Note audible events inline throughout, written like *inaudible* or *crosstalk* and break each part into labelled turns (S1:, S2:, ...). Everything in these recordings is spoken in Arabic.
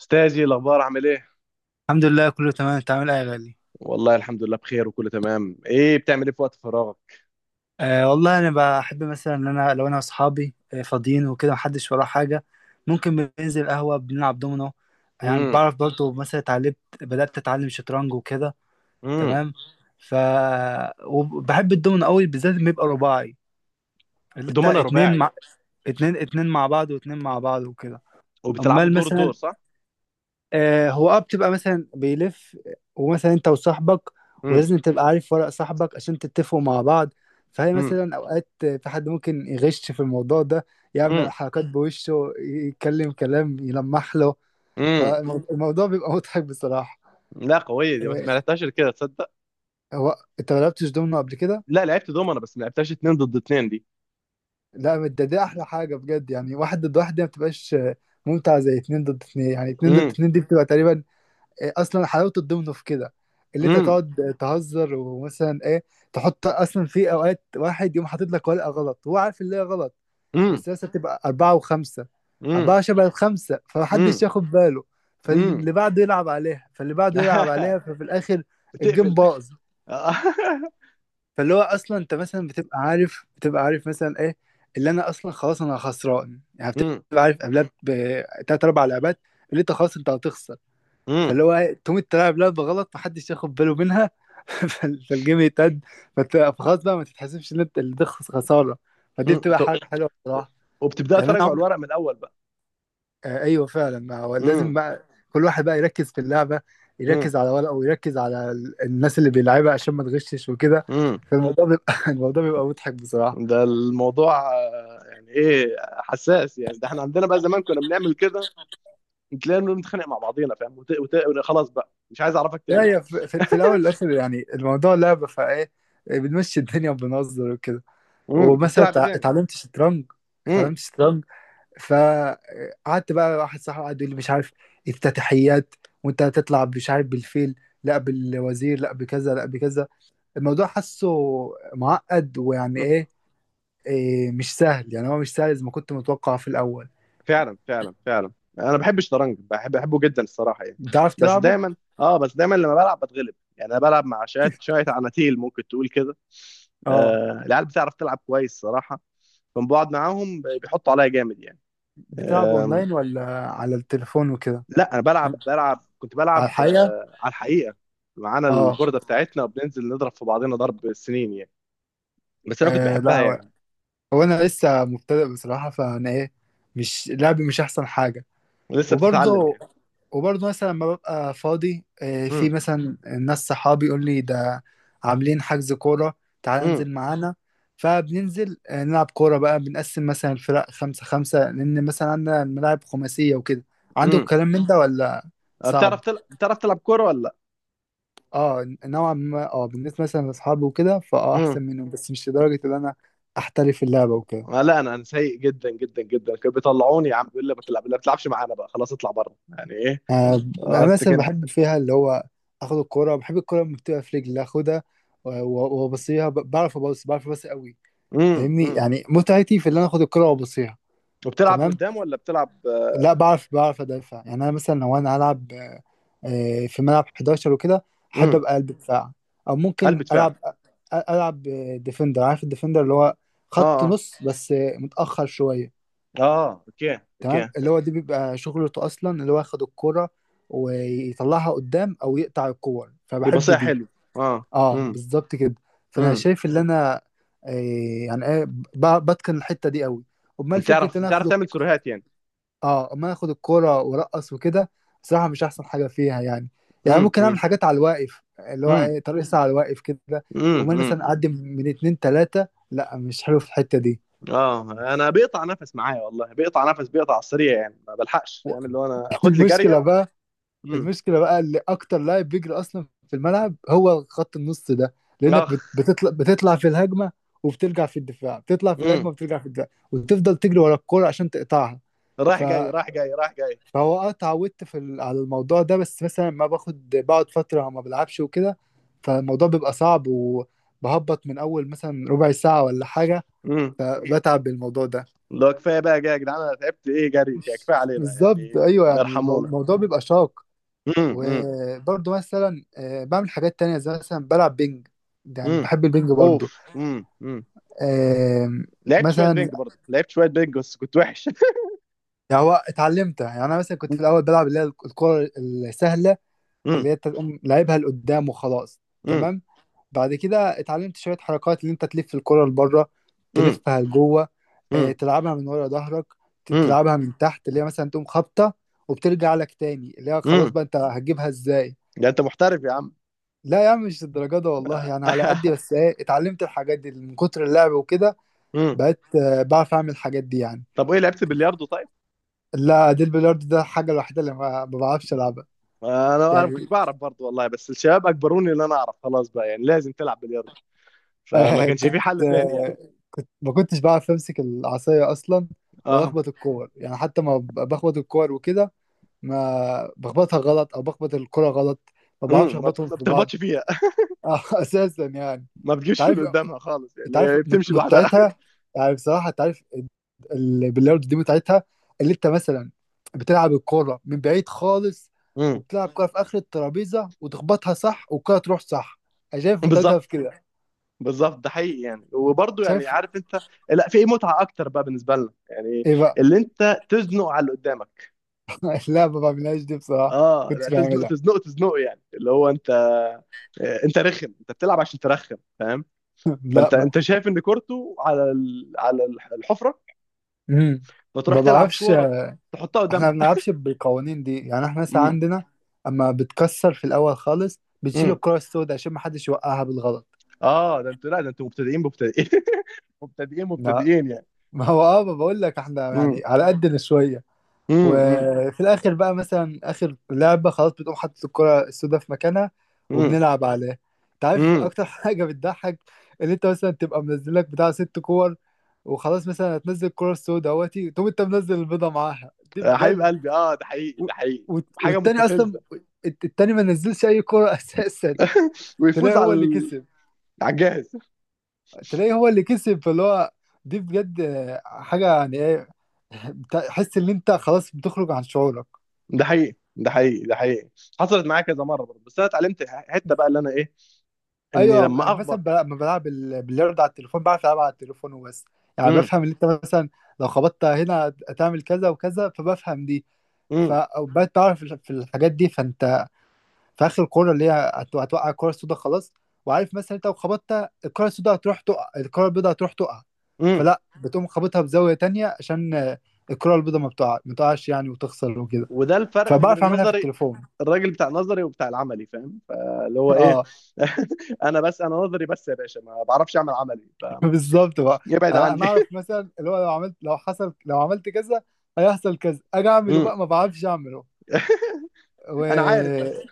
S1: استاذي، الاخبار عامل ايه؟
S2: الحمد لله، كله تمام. انت عامل ايه يا غالي؟
S1: والله الحمد لله، بخير وكله تمام. ايه، بتعمل ايه في وقت فراغك؟
S2: والله انا بحب، مثلا، ان انا لو انا واصحابي فاضيين وكده، محدش وراه حاجه، ممكن بننزل قهوه بنلعب دومينو. يعني
S1: امم.
S2: بعرف برضه مثلا اتعلمت، بدات اتعلم شطرنج وكده.
S1: امم.
S2: تمام. ف وبحب الدومينو قوي، بالذات لما يبقى رباعي، اللي انت
S1: دومنا
S2: اتنين
S1: رباعي.
S2: مع اتنين، اتنين مع بعض واتنين مع بعض وكده.
S1: وبتلعبوا
S2: امال
S1: دور دور،
S2: مثلا
S1: صح؟
S2: هو بتبقى مثلا بيلف، ومثلا انت وصاحبك،
S1: امم.
S2: ولازم تبقى عارف ورق صاحبك عشان تتفقوا مع بعض، فهي
S1: امم.
S2: مثلا اوقات في حد ممكن يغش في الموضوع ده، يعمل
S1: امم.
S2: حركات بوشه، يتكلم كلام، يلمح له،
S1: امم.
S2: فالموضوع بيبقى مضحك بصراحة.
S1: لا، قويه دي، بس
S2: آه،
S1: ما لعبتهاش إلا كده، تصدق.
S2: هو انت ما لعبتش دومينو قبل كده؟
S1: لا، لعبت دومنا بس ما لعبتهاش اتنين ضد اتنين دي.
S2: لا، ده دي احلى حاجة بجد، يعني واحد ضد واحد دي ما بتبقاش ممتعة زي اتنين ضد اتنين. يعني اتنين ضد
S1: امم.
S2: اتنين دي بتبقى تقريبا إيه، اصلا حلاوه الضمن في كده، اللي انت
S1: امم.
S2: تقعد تهزر ومثلا ايه، تحط، اصلا في اوقات واحد يقوم حاطط لك ورقه غلط، هو عارف اللي هي غلط،
S1: امم.
S2: بس لسه بتبقى اربعه وخمسه،
S1: امم.
S2: اربعه شبه الخمسه، فمحدش
S1: امم.
S2: ياخد باله،
S1: امم.
S2: فاللي بعده يلعب عليها فاللي بعده يلعب
S1: *laughs*
S2: عليها ففي الاخر الجيم
S1: بتقفل.
S2: باظ.
S1: *laughs*
S2: فاللي هو اصلا انت مثلا بتبقى عارف مثلا ايه اللي انا اصلا خلاص انا خسران، يعني
S1: امم.
S2: بتبقى عارف قبلها بثلاث اربع لعبات اللي انت خلاص انت هتخسر،
S1: امم.
S2: فاللي هو تقوم تلعب لعبة غلط محدش ياخد باله منها. *laughs* فالجيم يتقد. فخلاص بقى ما تتحسبش ان انت اللي ده خسارة، فدي
S1: امم.
S2: بتبقى
S1: طب،
S2: حاجة حلوة بصراحة.
S1: وبتبدأ
S2: يعني انا
S1: تراجع
S2: عمري،
S1: الورق من الاول بقى؟
S2: ايوه فعلا، ما هو لازم
S1: امم.
S2: بقى كل واحد بقى يركز في اللعبة، يركز على ورقه ويركز على الناس اللي بيلعبها عشان ما تغشش وكده.
S1: امم.
S2: فالموضوع بيبقى *laughs* الموضوع بيبقى مضحك بصراحة.
S1: ده الموضوع يعني ايه، حساس يعني، ده احنا عندنا بقى زمان كنا بنعمل كده. تلاقينا بنتخانق مع بعضينا، فاهم؟ خلاص بقى، مش عايز اعرفك
S2: لا،
S1: تاني يا عم.
S2: هي في, في,
S1: *laughs*
S2: في الاول والاخر، يعني الموضوع لعبة، فايه، بنمشي الدنيا وبنهزر وكده.
S1: امم.
S2: ومثلا
S1: بتلعب ايه تاني؟
S2: اتعلمت شطرنج.
S1: امم.
S2: اتعلمت شطرنج. فقعدت بقى، واحد صاحبي قعد يقول لي مش عارف افتتاحيات، وانت هتطلع مش عارف بالفيل، لا بالوزير، لا بكذا لا بكذا. الموضوع حاسه معقد، ويعني ايه، إيه، مش سهل يعني، هو مش سهل زي ما كنت متوقع في الاول.
S1: فعلا، فعلا، فعلا. انا بحب الشطرنج، بحبه جدا الصراحه يعني.
S2: بتعرف
S1: بس
S2: تلعبه؟
S1: دايما اه بس دايما لما بلعب بتغلب، يعني انا بلعب مع شويه شويه عناتيل ممكن تقول كده.
S2: اه.
S1: العيال بتعرف تلعب كويس صراحه. فلما بقعد معاهم بيحطوا عليا جامد، يعني.
S2: بتلعبه اونلاين ولا على التليفون وكده؟
S1: لا، انا بلعب بلعب كنت
S2: على
S1: بلعب
S2: الحقيقة.
S1: آه، على الحقيقه. معانا
S2: اه.
S1: البورده بتاعتنا، وبننزل نضرب في بعضنا ضرب السنين يعني. بس انا كنت بحبها
S2: لا،
S1: يعني.
S2: هو انا لسه مبتدئ بصراحة، فانا ايه، مش لعبي مش احسن حاجة.
S1: لسه بتتعلم
S2: وبرضه،
S1: يعني؟
S2: وبرضه مثلا لما ببقى فاضي في
S1: امم.
S2: مثلا ناس صحابي يقول لي ده عاملين حجز كورة، تعال
S1: امم.
S2: انزل معانا. فبننزل نلعب كورة بقى، بنقسم مثلا الفرق خمسة خمسة، لأن مثلا عندنا الملاعب خماسية وكده. عندك
S1: امم.
S2: الكلام من ده ولا صعب؟
S1: بتعرف تلعب كوره ولا لا؟
S2: اه، نوعا ما. اه بالنسبة مثلا لأصحابي وكده، فاه
S1: امم.
S2: أحسن منهم، بس مش لدرجة إن أنا أحترف اللعبة وكده.
S1: لا، انا سيء جدا جدا جدا. كانوا بيطلعوني يا عم، بيقول لي ما تلعب، لا بتلعبش معانا بقى خلاص، اطلع بره، يعني ايه.
S2: انا
S1: قصدك
S2: مثلا
S1: كده؟
S2: بحب فيها اللي هو اخد الكرة. بحب الكرة لما بتبقى في رجلي اخدها وابصيها، بعرف ابص، بعرف ابص قوي،
S1: امم.
S2: فاهمني.
S1: امم.
S2: يعني متعتي في اللي انا اخد الكرة وابصيها.
S1: وبتلعب
S2: تمام.
S1: قدام ولا بتلعب
S2: لا، بعرف، بعرف ادافع. يعني انا مثلا لو انا هلعب في ملعب 11 وكده، احب
S1: امم.
S2: ابقى قلب دفاع، او
S1: قلب
S2: ممكن
S1: دفاع؟
S2: العب، العب ديفندر، عارف الديفندر، اللي هو
S1: اه،
S2: خط
S1: اه،
S2: نص بس متاخر شوية.
S1: اه، اوكي،
S2: تمام.
S1: اوكي.
S2: اللي هو دي بيبقى شغلته اصلا، اللي هو ياخد الكرة ويطلعها قدام او يقطع الكور،
S1: يبقى
S2: فبحب
S1: صحيح،
S2: دي.
S1: حلو. اه.
S2: اه، بالظبط كده. فانا
S1: امم.
S2: شايف ان انا آه يعني ايه، بتقن الحتة دي قوي. امال فكرة
S1: بتعرف
S2: ان انا
S1: بتعرف
S2: اخد،
S1: تعمل سيروهات يعني؟
S2: اه امال اخد الكرة وارقص وكده، بصراحة مش احسن حاجة فيها يعني. يعني
S1: امم.
S2: ممكن
S1: امم.
S2: اعمل حاجات على الواقف اللي هو
S1: امم.
S2: ايه، ترقص على الواقف كده. امال
S1: امم.
S2: مثلا اعدي من اتنين تلاتة، لا مش حلو في الحتة دي.
S1: اه. انا بيقطع نفس معايا والله، بيقطع نفس، بيقطع على السريع، يعني ما بلحقش فاهم، اللي هو انا
S2: *laughs*
S1: اخد لي جاريه
S2: المشكلة بقى،
S1: امم.
S2: المشكله بقى اللي اكتر لاعب بيجري اصلا في الملعب هو خط النص ده. لانك
S1: اخ.
S2: بتطلع في الهجمه وبترجع في الدفاع، بتطلع في الهجمه
S1: امم.
S2: وبترجع في الدفاع، وتفضل تجري ورا الكوره عشان تقطعها.
S1: رايح
S2: ف...
S1: جاي، رايح جاي، رايح جاي.
S2: فهو اه اتعودت على الموضوع ده، بس مثلا ما باخد، بقعد فتره ما بلعبش وكده، فالموضوع بيبقى صعب وبهبط من اول مثلا ربع ساعه ولا حاجه،
S1: امم.
S2: فبتعب بالموضوع ده.
S1: لو كفايه بقى، جاي يا جدعان، انا تعبت، ايه جري كده، كفايه علينا
S2: بالظبط،
S1: يعني.
S2: ايوه، يعني
S1: ارحمونا.
S2: الموضوع بيبقى شاق.
S1: امم. امم.
S2: وبرضه مثلا بعمل حاجات تانية زي مثلا بلعب بينج. يعني
S1: امم.
S2: بحب البينج
S1: اوف.
S2: برضه.
S1: امم. امم.
S2: آم،
S1: لعبت شويه
S2: مثلا،
S1: بينج برضه، لعبت شويه بينج، بس كنت وحش. *laughs*
S2: يعني هو اتعلمتها. يعني انا مثلا كنت في الاول بلعب اللي هي الكرة السهلة، اللي
S1: امم.
S2: هي تقوم لعبها لقدام وخلاص.
S1: امم.
S2: تمام. بعد كده اتعلمت شوية حركات، اللي انت تلف الكرة لبره،
S1: امم.
S2: تلفها لجوه،
S1: امم.
S2: تلعبها من ورا ظهرك،
S1: امم.
S2: تلعبها من تحت، اللي هي مثلا تقوم خابطة وبترجع لك تاني، اللي هي خلاص
S1: امم.
S2: بقى انت هتجيبها ازاي.
S1: ده انت محترف يا عم.
S2: لا يا عم، مش الدرجة ده والله، يعني على قدي،
S1: *laughs*
S2: بس ايه، اتعلمت الحاجات دي من كتر اللعب وكده، بقيت بعرف اعمل الحاجات دي يعني.
S1: طب، وايه، لعبت بلياردو طيب؟
S2: لا، دي البلياردو ده الحاجة الوحيدة اللي ما بعرفش العبها.
S1: انا
S2: يعني
S1: كنت بعرف برضو والله، بس الشباب اجبروني ان انا اعرف، خلاص بقى يعني، لازم تلعب بلياردو. فما
S2: *laughs*
S1: كانش في
S2: كنت
S1: حل تاني يعني.
S2: آه، كنت ما كنتش بعرف امسك العصاية اصلا ولا
S1: اه.
S2: اخبط الكور، يعني حتى ما بخبط الكور وكده، ما بخبطها غلط او بخبط الكرة غلط، ما بعرفش
S1: امم.
S2: اخبطهم
S1: ما
S2: في بعض.
S1: بتخبطش فيها.
S2: *laughs* اساسا يعني.
S1: *laughs* ما
S2: انت
S1: بتجيبش في
S2: عارف،
S1: اللي قدامها خالص،
S2: انت
S1: يعني
S2: عارف
S1: هي بتمشي لوحدها.
S2: متعتها، يعني بصراحه انت عارف، باللاود دي متعتها، اللي انت مثلا بتلعب الكوره من بعيد خالص،
S1: امم.
S2: وبتلعب كوره في اخر الترابيزه وتخبطها صح والكوره تروح صح، انا شايف متعتها
S1: بالظبط.
S2: في كده.
S1: بالظبط، ده حقيقي يعني، وبرضه يعني،
S2: شايف.
S1: عارف انت. لا، في متعه اكتر بقى بالنسبه لنا يعني.
S2: ايه بقى.
S1: اللي انت تزنق على اللي قدامك.
S2: *laughs* لا ما بعملهاش دي بصراحه.
S1: اه، لا،
S2: كنتش
S1: تزنق
S2: بعملها.
S1: تزنق تزنق يعني، اللي هو انت. انت رخم، انت بتلعب عشان ترخم، فاهم.
S2: *laughs* لا
S1: فانت
S2: ما.
S1: انت شايف ان كورته على الحفره.
S2: امم،
S1: فتروح
S2: ما
S1: تلعب
S2: بعرفش.
S1: كوره. تحطها
S2: احنا ما
S1: قدامها. *laughs*
S2: بنلعبش بالقوانين دي، يعني احنا مثلا
S1: امم.
S2: عندنا، اما بتكسر في الاول خالص بتشيل
S1: امم.
S2: الكره السوداء عشان ما حدش يوقعها بالغلط.
S1: اه، ده انتوا، لا ده انتوا مبتدئين، مبتدئين. *laughs* مبتدئين مبتدئين يعني.
S2: ما هو اه، ما بقول لك احنا
S1: امم.
S2: يعني على قدنا شويه،
S1: امم.
S2: وفي الاخر بقى مثلا اخر لعبه خلاص بتقوم حاطط الكره السوداء في مكانها
S1: امم.
S2: وبنلعب عليها. انت عارف
S1: امم.
S2: اكتر *laughs* حاجه بتضحك، ان انت مثلا تبقى منزل لك بتاع ست كور وخلاص، مثلا هتنزل الكره السوداء اهوتي، تقوم انت منزل البيضه معاها، دي
S1: يا حبيب
S2: بجد.
S1: قلبي، اه، ده حقيقي،
S2: و...
S1: ده حقيقي. حاجه
S2: والتاني اصلا،
S1: مستفزه.
S2: التاني ما نزلش اي كره *laughs* اساسا،
S1: ويفوز
S2: طلع
S1: على
S2: هو اللي كسب.
S1: على الجاهز.
S2: تلاقيه هو اللي كسب، فاللي هو دي بجد حاجة يعني ايه، تحس ان انت خلاص بتخرج عن شعورك.
S1: ده حقيقي، ده حقيقي، ده حقيقي. حصلت معايا كذا مره برضه، بس انا اتعلمت حته بقى، اللي انا ايه. اني
S2: ايوه
S1: لما
S2: مثلا
S1: اخبط.
S2: لما بلعب باليرد على التليفون، بعرف العب على التليفون وبس، يعني
S1: امم.
S2: بفهم ان انت مثلا لو خبطت هنا هتعمل كذا وكذا، فبفهم دي.
S1: امم.
S2: فبقيت بعرف في الحاجات دي، فانت في اخر الكوره اللي هي هتوقع الكوره السوداء خلاص، وعارف مثلا انت لو خبطت الكوره السوداء هتروح تقع الكوره البيضاء هتروح تقع، فلا بتقوم خابطها بزاويه تانية عشان الكوره البيضاء ما بتقع، ما تقعش يعني وتخسر وكده،
S1: وده الفرق ما بين
S2: فبعرف اعملها في
S1: النظري،
S2: التليفون.
S1: الراجل بتاع النظري وبتاع العملي، فاهم، فاللي هو ايه.
S2: اه.
S1: *laughs* انا بس انا نظري بس يا باشا، ما بعرفش اعمل عملي
S2: *laughs* بالظبط بقى.
S1: ابعد
S2: انا
S1: عني.
S2: انا اعرف مثلا اللي هو لو عملت، لو حصل، لو عملت كذا هيحصل كذا، اجي اعمله
S1: *laughs* امم.
S2: بقى ما بعرفش اعمله. و...
S1: انا عارف بس.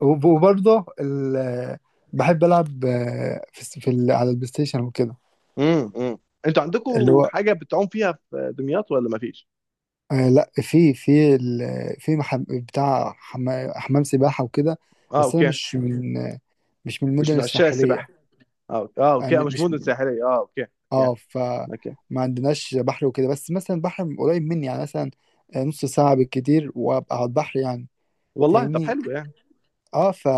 S2: وبرضه بحب العب في على البلاي ستيشن وكده.
S1: امم. امم. انتوا
S2: اللي
S1: عندكم
S2: هو
S1: حاجه بتعوم فيها في دمياط، ولا ما فيش؟
S2: لا، في، في في بتاع حمام سباحة وكده.
S1: اه،
S2: بس انا
S1: اوكي.
S2: مش من، مش من
S1: مش
S2: المدن
S1: من عشاق
S2: الساحلية.
S1: السباحه؟ اه، أوكي. اه، اوكي، مش
S2: مش،
S1: مدن ساحليه، اه اوكي. اوكي.
S2: اه فما
S1: اوكي.
S2: عندناش بحر وكده، بس مثلا بحر قريب مني يعني مثلا نص ساعة بالكتير وابقى على البحر يعني،
S1: والله، طب
S2: فاهمني.
S1: حلو يعني.
S2: اه ف،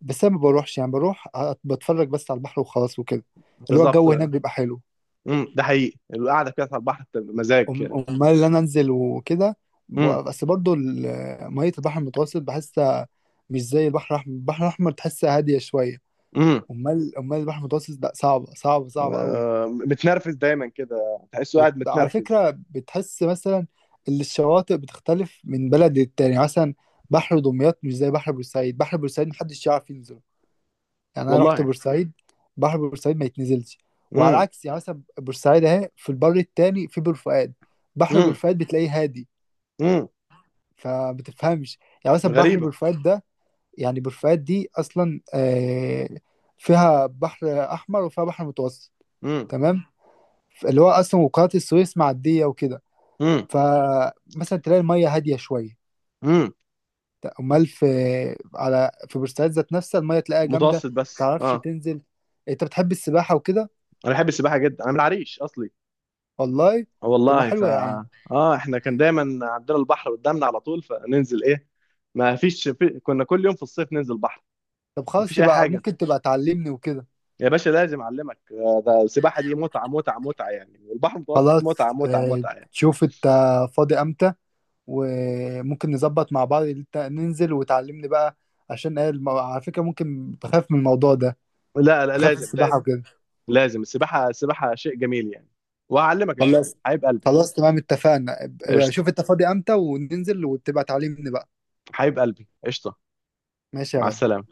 S2: بس انا ما بروحش يعني، بروح بتفرج بس على البحر وخلاص وكده، اللي هو
S1: بالظبط.
S2: الجو هناك بيبقى حلو.
S1: ده حقيقي، القعده كده على البحر بتبقى مزاج كده.
S2: امال اللي انا انزل وكده،
S1: امم.
S2: بس برضو ميه البحر المتوسط بحسها مش زي البحر الاحمر، البحر الاحمر تحسها هاديه شويه،
S1: امم.
S2: امال امال البحر المتوسط لا، صعبه صعبه صعبه قوي.
S1: متنرفز دايما كده، تحسه قاعد
S2: وعلى
S1: متنرفز.
S2: فكره بتحس مثلا ان الشواطئ بتختلف من بلد للتاني، مثلا بحر دمياط مش زي بحر بورسعيد، بحر بورسعيد محدش يعرف ينزله، يعني انا رحت
S1: والله.
S2: بورسعيد بحر بورسعيد ما يتنزلش. وعلى
S1: امم.
S2: العكس، يعني مثلا بورسعيد اهي في البر التاني في بور فؤاد، بحر بور
S1: امم.
S2: فؤاد بتلاقيه هادي،
S1: امم.
S2: فبتفهمش، يعني مثلا بحر
S1: غريبه.
S2: بورفؤاد ده، يعني بورفؤاد دي اصلا فيها بحر احمر وفيها بحر متوسط،
S1: امم.
S2: تمام، اللي هو اصلا وقناة السويس معدية وكده،
S1: امم.
S2: فمثلا تلاقي المية هادية شوية.
S1: امم.
S2: امال في، على في بورسعيد ذات نفسها المية تلاقيها جامدة،
S1: متوسط بس،
S2: متعرفش
S1: اه.
S2: تنزل. انت بتحب السباحة وكده؟
S1: انا بحب السباحه جدا، انا من العريش اصلي.
S2: والله، طب ما
S1: والله
S2: حلوة يا عم.
S1: اه، احنا كان دايما عندنا البحر قدامنا على طول، فننزل ايه. ما فيش كنا كل يوم في الصيف ننزل بحر.
S2: طب
S1: ما
S2: خلاص،
S1: فيش اي
S2: تبقى
S1: حاجه.
S2: ممكن تبقى تعلمني وكده.
S1: يا باشا لازم اعلمك، ده السباحه دي متعه متعه متعه يعني، والبحر المتوسط
S2: خلاص.
S1: متعه متعه
S2: آه،
S1: متعه يعني.
S2: شوف انت فاضي امتى، وممكن نظبط مع بعض إنت ننزل وتعلمني بقى. عشان ايه على فكرة ممكن بخاف من الموضوع ده،
S1: لا، لا،
S2: بخاف من
S1: لازم،
S2: السباحة
S1: لازم.
S2: وكده.
S1: لازم، السباحه السباحه شيء جميل يعني. وهعلمك ان شاء الله،
S2: خلاص.
S1: حبيب قلبي،
S2: خلاص تمام اتفقنا، ابقى
S1: قشطه.
S2: شوف انت فاضي امتى وننزل وتبقى تعلمني بقى.
S1: حبيب قلبي، قشطه.
S2: ماشي يا
S1: مع
S2: غالي.
S1: السلامة.